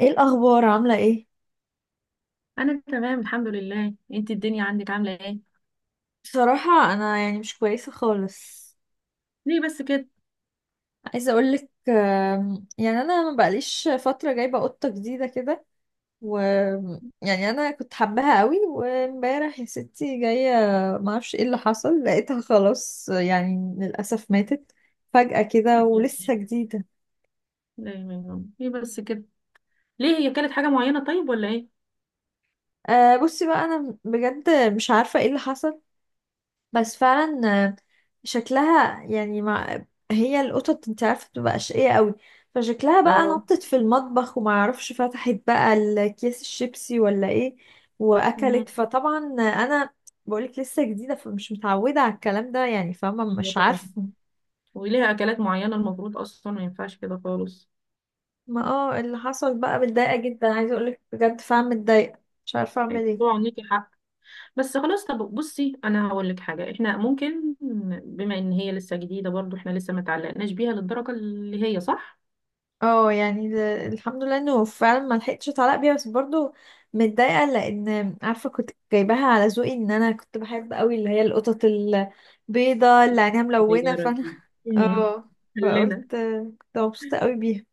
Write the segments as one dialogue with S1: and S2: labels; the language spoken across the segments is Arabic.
S1: ايه الاخبار؟ عامله ايه؟
S2: انا تمام الحمد لله، انت الدنيا عندك عامله ايه؟
S1: بصراحه انا يعني مش كويسه خالص.
S2: ليه بس كده؟
S1: عايزه اقولك، يعني انا ما بقاليش فتره جايبه قطه جديده كده. و يعني انا كنت حباها قوي، وامبارح يا ستي جايه، ما اعرفش ايه اللي حصل، لقيتها خلاص يعني للاسف ماتت فجأة كده
S2: يعني
S1: ولسه جديدة.
S2: ليه بس كده؟ ليه هي اكلت حاجه معينه طيب ولا ايه؟
S1: أه، بصي بقى، أنا بجد مش عارفة ايه اللي حصل، بس فعلا آه، شكلها يعني مع، هي القطط انت عارفه بتبقى اشقيه قوي، فشكلها بقى
S2: اه.
S1: نطت في المطبخ وما اعرفش فتحت بقى الكيس الشيبسي ولا ايه
S2: مم.
S1: واكلت. فطبعا انا بقولك لسه جديده فمش متعوده على الكلام ده، يعني فاهمه،
S2: ايوه
S1: مش
S2: طبعا.
S1: عارفه
S2: وليها اكلات معينه المفروض اصلا ما ينفعش كده خالص.
S1: ما اللي حصل بقى. متضايقه جدا، عايزه اقولك بجد فعلا متضايقه، مش عارفه اعمل ايه.
S2: طبعا ليكي حق. بس خلاص، طب بصي انا هقول لك حاجه، احنا ممكن بما ان هي لسه جديده برضو احنا لسه ما تعلقناش بيها للدرجه اللي هي، صح؟
S1: اه يعني الحمد لله انه فعلا ما لحقتش اتعلق بيها، بس برضو متضايقه لان عارفه كنت جايباها على ذوقي، ان انا كنت بحب قوي اللي هي القطط البيضه اللي عينيها ملونه،
S2: الصغيرة
S1: فانا
S2: دي. مم.
S1: اه. فقلت
S2: خلينا.
S1: كنت مبسوطه قوي بيها.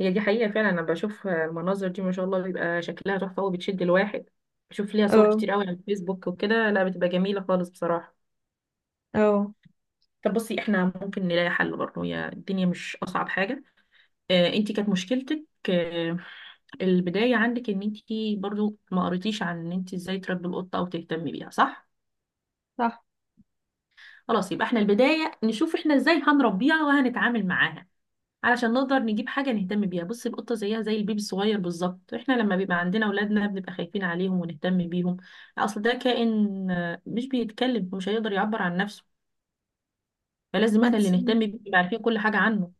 S2: هي دي حقيقة فعلا، أنا بشوف المناظر دي ما شاء الله بيبقى شكلها تحفة وبتشد الواحد. بشوف ليها صور
S1: اه.
S2: كتير قوي على الفيسبوك وكده، لا بتبقى جميلة خالص بصراحة.
S1: اه
S2: طب بصي، احنا ممكن نلاقي حل برضه، هي الدنيا مش أصعب حاجة. اه انتي كانت مشكلتك، اه البداية عندك ان انتي برضه ما قريتيش عن ان انتي ازاي تربي القطة أو تهتمي بيها، صح؟
S1: صح.
S2: خلاص يبقى احنا البداية نشوف احنا ازاي هنربيها وهنتعامل معاها علشان نقدر نجيب حاجة نهتم بيها. بص، القطة زيها زي البيبي الصغير بالظبط، واحنا لما بيبقى عندنا اولادنا بنبقى خايفين عليهم ونهتم بيهم. اصل ده كائن، مش بيتكلم ومش هيقدر يعبر عن نفسه، فلازم
S1: ما
S2: احنا
S1: انت،
S2: اللي نهتم بيه نبقى عارفين كل حاجة عنه.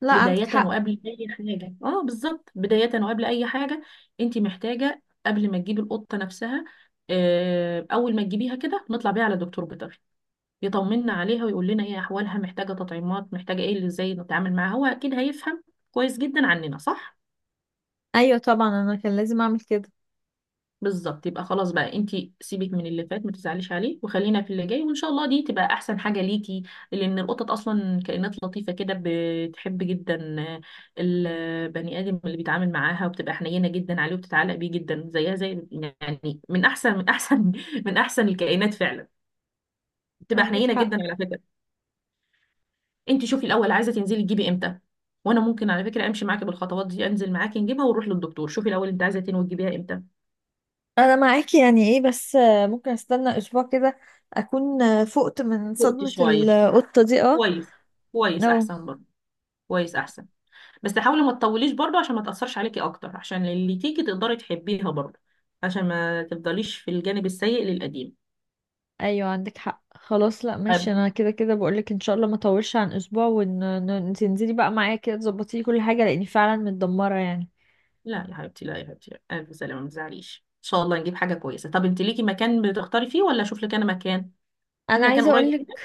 S1: لا عندك
S2: بداية
S1: حق.
S2: وقبل اي حاجة، بالظبط بداية وقبل اي حاجة انت محتاجة، قبل ما تجيبي القطة نفسها، اول ما تجيبيها كده نطلع بيها على دكتور بيطري يطمنا عليها ويقول لنا هي احوالها محتاجه تطعيمات، محتاجه ايه، اللي ازاي نتعامل معاها، هو اكيد هيفهم كويس جدا عننا، صح؟
S1: ايوه طبعا، انا كان لازم اعمل كده.
S2: بالظبط، يبقى خلاص بقى، انت سيبك من اللي فات ما تزعليش عليه وخلينا في اللي جاي وان شاء الله دي تبقى احسن حاجه ليكي. لان القطط اصلا كائنات لطيفه كده، بتحب جدا البني ادم اللي بيتعامل معاها وبتبقى حنينه جدا عليه وبتتعلق بيه جدا، زيها زي يعني، من احسن، من احسن الكائنات فعلا. بتبقى
S1: عندك
S2: حنينه جدا
S1: حق.
S2: على فكره. انت شوفي الاول، عايزه تنزلي تجيبي امتى؟ وانا ممكن على فكره امشي معاكي بالخطوات دي، انزل معاكي نجيبها ونروح للدكتور، شوفي الاول انت عايزه تنوي تجيبيها امتى؟
S1: انا معاكي، يعني ايه بس، ممكن استنى اسبوع كده، اكون فقت من
S2: وقت
S1: صدمه
S2: شويه،
S1: القطه دي. اه.
S2: كويس. كويس
S1: اه.
S2: احسن برضه، كويس احسن. بس حاولي ما تطوليش برضه عشان ما تاثرش عليكي اكتر، عشان اللي تيجي تقدري تحبيها برضه، عشان ما تفضليش في الجانب السيء للقديم.
S1: ايوه عندك حق. خلاص، لا ماشي،
S2: أب...
S1: انا كده كده بقولك ان شاء الله ما اطولش عن اسبوع، وان إن- إن تنزلي بقى معايا كده تظبطي لي كل حاجه، لاني فعلا متدمره يعني.
S2: لا يا حبيبتي، لا يا حبيبتي، الف سلامه، ما تزعليش ان شاء الله نجيب حاجه كويسه. طب انت ليكي مكان بتختاري فيه، ولا اشوف لك انا مكان في
S1: انا
S2: مكان
S1: عايزه
S2: قريب
S1: اقولك،
S2: كده؟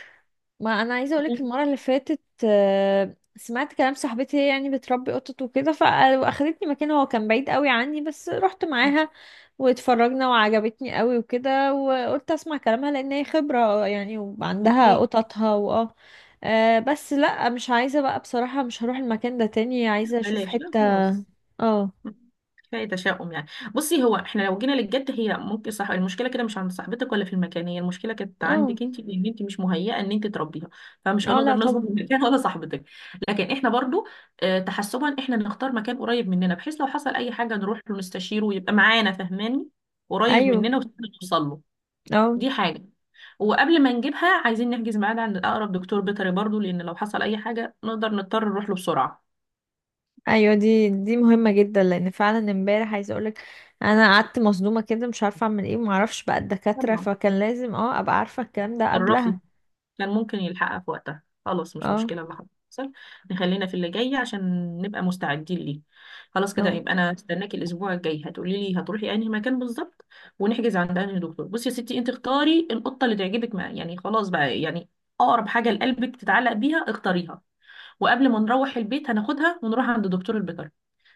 S1: ما انا عايزه اقولك المره اللي فاتت، سمعت كلام صاحبتي هي يعني بتربي قطط وكده، فاخدتني مكان هو كان بعيد قوي عني، بس رحت معاها واتفرجنا وعجبتني قوي وكده، وقلت اسمع كلامها لان هي خبره يعني وعندها
S2: اكيد.
S1: قططها واه. بس لا، مش عايزه بقى بصراحه، مش هروح المكان ده تاني، عايزه اشوف
S2: بلاش، لا
S1: حته.
S2: خلاص،
S1: اه.
S2: كفايه تشاؤم يعني. بصي هو احنا لو جينا للجد، هي ممكن صح المشكله كده مش عند صاحبتك ولا في المكان، هي المشكله كانت
S1: اه.
S2: عندك انت، لان انت مش مهيئه ان انت تربيها، فمش
S1: اه
S2: هنقدر
S1: لا
S2: نظبط
S1: طبعا.
S2: المكان ولا صاحبتك. لكن احنا برضو، تحسبا، احنا نختار مكان قريب مننا بحيث لو حصل اي حاجه نروح له نستشيره ويبقى معانا، فهماني؟ قريب
S1: ايوه.
S2: مننا ونوصل له.
S1: اه.
S2: دي حاجه، وقبل ما نجيبها عايزين نحجز ميعاد عند اقرب دكتور بيطري برضو، لان لو حصل اي حاجه نقدر نضطر نروح له بسرعه.
S1: ايوه دي مهمه جدا، لان فعلا امبارح عايزه اقولك انا قعدت مصدومه كده مش عارفه اعمل ايه، ومعرفش بقى الدكاتره،
S2: طبعا.
S1: فكان لازم اه ابقى عارفه الكلام ده
S2: تصرفي.
S1: قبلها.
S2: كان ممكن يلحقها في وقتها، خلاص مش
S1: اه.
S2: مشكلة اللي حصل، نخلينا في اللي جاي عشان نبقى مستعدين ليه. خلاص كده،
S1: اه.
S2: يبقى انا هستناكي الاسبوع الجاي، هتقولي لي هتروحي انهي مكان بالظبط ونحجز عند انهي دكتور. بصي يا ستي، انت اختاري القطة اللي تعجبك، ما يعني خلاص بقى، يعني اقرب حاجة لقلبك تتعلق بيها اختاريها. وقبل ما نروح البيت هناخدها ونروح عند دكتور البيطري.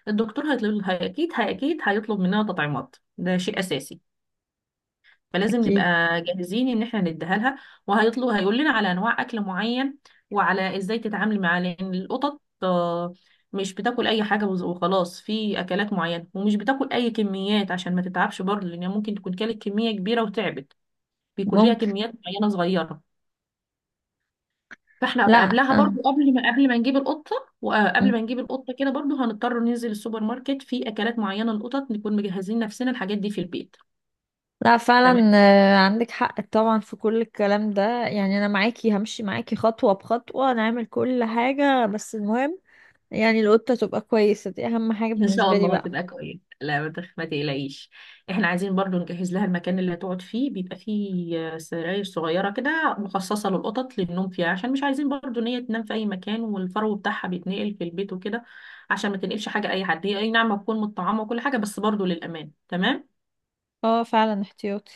S2: الدكتور هيطلب، اكيد هيطلب مننا تطعيمات، ده شيء اساسي، فلازم نبقى
S1: اكيد.
S2: جاهزين ان احنا نديها لها. وهيطلب، هيقول لنا على انواع اكل معين وعلى ازاي تتعامل معاه، لان القطط، مش بتاكل اي حاجه، وخلاص في اكلات معينه، ومش بتاكل اي كميات عشان ما تتعبش برضه، لان ممكن تكون كانت كميه كبيره وتعبت، بيكون ليها
S1: ممكن.
S2: كميات معينه صغيره. فاحنا بقى
S1: لا
S2: قبلها برضو، قبل ما، نجيب القطه، وقبل
S1: م.
S2: ما نجيب القطه كده برضو هنضطر ننزل السوبر ماركت في اكلات معينه للقطط، نكون مجهزين نفسنا الحاجات دي في البيت.
S1: لا فعلا.
S2: تمام.
S1: عندك حق طبعا في كل الكلام ده. يعني انا معاكي، همشي معاكي خطوه بخطوه نعمل كل حاجه، بس المهم يعني القطه تبقى كويسه، دي اهم حاجه
S2: ان شاء
S1: بالنسبه لي
S2: الله
S1: بقى.
S2: هتبقى كويس، لا ما تقلقيش. احنا عايزين برضو نجهز لها المكان اللي هتقعد فيه، بيبقى فيه سراير صغيره كده مخصصه للقطط للنوم فيها، عشان مش عايزين برضو ان هي تنام في اي مكان والفرو بتاعها بيتنقل في البيت وكده، عشان ما تنقلش حاجه اي حد، هي اي نعم هتكون متطعمه وكل حاجه، بس برضو للامان، تمام.
S1: اه فعلا احتياطي.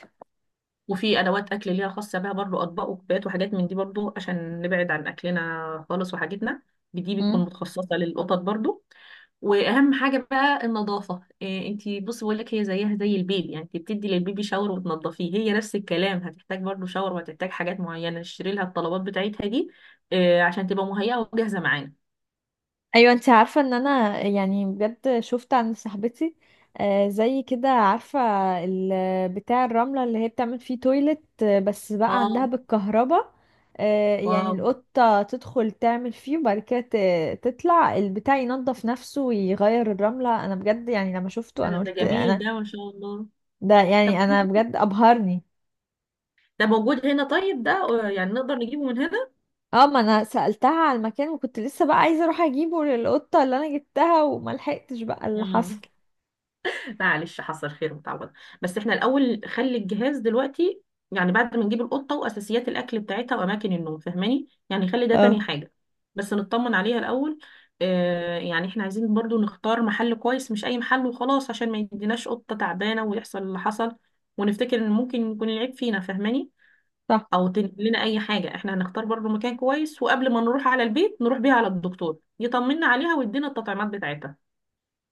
S2: وفي ادوات اكل ليها خاصه بها برضو، اطباق وكبات وحاجات من دي برضو، عشان نبعد عن اكلنا خالص وحاجتنا، دي بيكون مخصصه للقطط برضو. واهم حاجه بقى النظافه، إيه؟ انتي بصي بقول لك، هي زيها زي البيبي، يعني انت بتدي للبيبي شاور وتنضفيه، هي نفس الكلام، هتحتاج برضو شاور وهتحتاج حاجات معينه تشتري لها، الطلبات بتاعتها دي، إيه، عشان تبقى مهيئه وجاهزه معانا.
S1: ايوه، انت عارفه ان انا يعني بجد شفت عند صاحبتي زي كده، عارفه بتاع الرمله اللي هي بتعمل فيه تويلت، بس بقى عندها
S2: اه
S1: بالكهرباء، يعني
S2: واو،
S1: القطه تدخل تعمل فيه وبعد كده تطلع البتاع ينظف نفسه ويغير الرمله. انا بجد يعني لما شفته
S2: أنا،
S1: انا
S2: ده
S1: قلت
S2: جميل
S1: انا،
S2: ده، ما شاء الله.
S1: ده يعني
S2: طب
S1: انا بجد ابهرني.
S2: ده موجود هنا؟ طيب ده، يعني نقدر نجيبه من هنا.
S1: اه، ما انا سألتها على المكان، وكنت لسه بقى عايزه اروح اجيبه للقطه اللي انا جبتها، وملحقتش بقى اللي
S2: آه.
S1: حصل.
S2: معلش، حصل خير وتعوض، بس احنا الاول خلي الجهاز دلوقتي، يعني بعد ما نجيب القطه واساسيات الاكل بتاعتها واماكن النوم، فاهماني؟ يعني خلي ده
S1: اه
S2: تاني حاجه، بس نطمن عليها الاول. يعني احنا عايزين برضو نختار محل كويس، مش اي محل وخلاص، عشان ما يديناش قطه تعبانه ويحصل اللي حصل ونفتكر ان ممكن يكون العيب فينا، فاهماني؟
S1: صح.
S2: او تنقل لنا اي حاجه، احنا هنختار برضو مكان كويس، وقبل ما نروح على البيت نروح بيها على الدكتور يطمنا عليها ويدينا التطعيمات بتاعتها،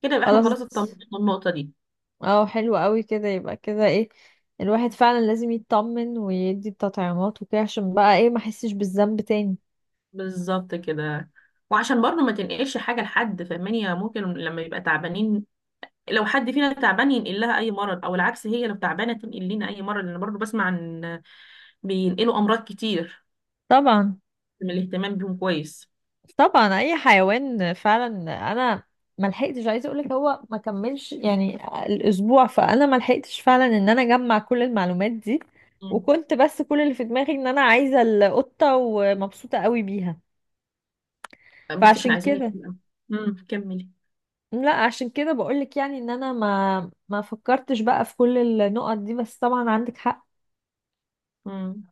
S2: كده يبقى احنا
S1: خلاص،
S2: خلاص اطمننا من النقطه دي.
S1: اه حلو قوي كده، يبقى كده ايه، الواحد فعلا لازم يطمن ويدي التطعيمات وكده، عشان بقى ايه ما احسش بالذنب تاني.
S2: بالظبط كده، وعشان برضه ما تنقلش حاجة لحد، فاهماني؟ يعني ممكن لما يبقى تعبانين، لو حد فينا تعبان ينقل لها أي مرض، أو العكس هي لو تعبانة تنقل لنا أي مرض، لأن برضه بسمع عن، بينقلوا أمراض كتير
S1: طبعا.
S2: من الاهتمام بيهم كويس.
S1: طبعا اي حيوان فعلا. انا ما لحقتش عايزه اقول لك، هو ما كملش يعني الاسبوع، فانا ما لحقتش فعلا ان انا اجمع كل المعلومات دي،
S2: مم.
S1: وكنت بس كل اللي في دماغي ان انا عايزه القطه ومبسوطه قوي بيها،
S2: بصي احنا
S1: فعشان
S2: عايزين
S1: كده.
S2: نتكلم، كملي.
S1: لا عشان كده بقولك يعني، ان انا ما فكرتش بقى في كل النقط دي، بس طبعا عندك حق.
S2: مم.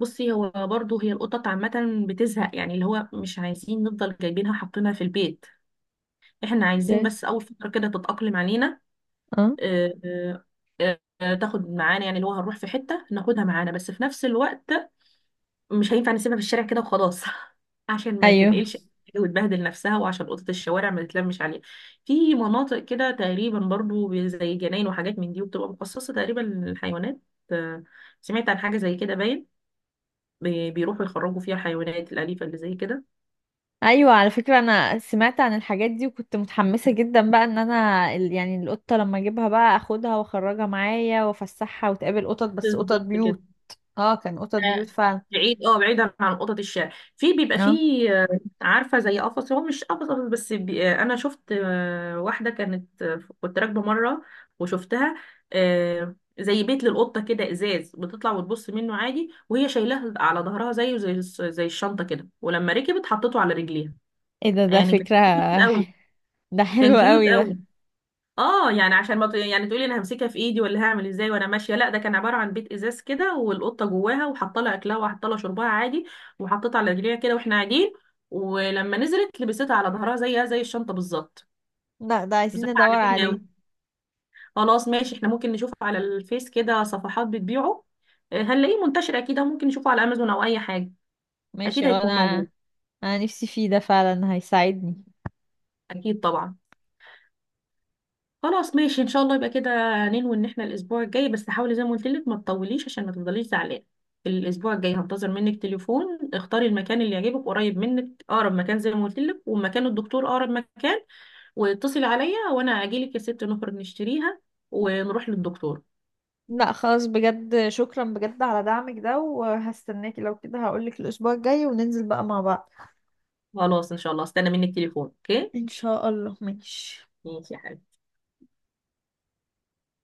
S2: بصي هو برضه، هي القطط عامة بتزهق، يعني اللي هو مش عايزين نفضل جايبينها حاطينها في البيت، احنا عايزين
S1: إيه؟
S2: بس أول فترة كده تتأقلم علينا،
S1: اه.
S2: آه، آه، تاخد معانا، يعني اللي هو هنروح في حتة ناخدها معانا، بس في نفس الوقت مش هينفع نسيبها في الشارع كده وخلاص عشان ما
S1: ايوه.
S2: تنقلش وتبهدل نفسها، وعشان قطط الشوارع ما تتلمش عليها. في مناطق كده تقريبا برضو زي جناين وحاجات من دي، وبتبقى مخصصة تقريبا للحيوانات، آه، سمعت عن حاجة زي كده باين، بيروحوا يخرجوا فيها الحيوانات الأليفة اللي زي كده.
S1: ايوه على فكره انا سمعت عن الحاجات دي، وكنت متحمسه جدا بقى ان انا يعني القطه لما اجيبها بقى اخدها واخرجها معايا وافسحها وتقابل قطط، بس قطط
S2: بالظبط كده،
S1: بيوت. اه، كان قطط بيوت
S2: آه،
S1: فعلا.
S2: بعيد، بعيدا عن قطط الشارع. في، بيبقى
S1: اه.
S2: فيه، عارفه زي قفص، هو مش قفص قفص، بس انا شفت، واحده كانت، كنت راكبه مره وشفتها، زي بيت للقطه كده، ازاز، بتطلع وتبص منه عادي، وهي شايلاه على ظهرها زيه زي الشنطه كده، ولما ركبت حطته على رجليها،
S1: ايه ده؟ ده
S2: يعني كان
S1: فكره.
S2: كيوت قوي.
S1: ح- ده
S2: كان
S1: حلو
S2: كيوت
S1: قوي ده.
S2: قوي. اه يعني عشان ما ت... يعني تقولي انا همسكها في ايدي ولا هعمل ازاي وانا ماشيه، لا، ده كان عباره عن بيت ازاز كده، والقطه جواها وحاطه لها اكلها وحاطه لها شربها عادي، وحطيتها على رجليها كده واحنا قاعدين، ولما نزلت لبستها على ظهرها زيها زي الشنطه بالظبط.
S1: لا ده عايزين
S2: بصراحه
S1: ندور
S2: عجبتني
S1: عليه.
S2: قوي. خلاص ماشي، احنا ممكن نشوف على الفيس كده صفحات بتبيعه، هنلاقيه منتشر اكيد، أو ممكن نشوفه على امازون او اي حاجه،
S1: ماشي،
S2: اكيد
S1: اه
S2: هيكون
S1: انا،
S2: موجود.
S1: انا نفسي فيه ده، فعلا هيساعدني.
S2: اكيد طبعا. خلاص ماشي ان شاء الله، يبقى كده ننوي ان احنا الاسبوع الجاي، بس حاولي زي ما قلت لك ما تطوليش عشان ما تفضليش زعلانه. الاسبوع الجاي هنتظر منك تليفون، اختاري المكان اللي يعجبك قريب منك، اقرب مكان زي ما قلت لك، ومكان الدكتور اقرب مكان، واتصلي عليا وانا اجي لك يا ست، نخرج نشتريها ونروح للدكتور.
S1: لا خلاص، بجد شكرا بجد على دعمك ده، وهستناكي لو كده هقولك الأسبوع الجاي وننزل بقى مع بعض.
S2: خلاص ان شاء الله، استنى منك تليفون، اوكي.
S1: إن شاء الله، ماشي.
S2: ماشي يا حبيبتي.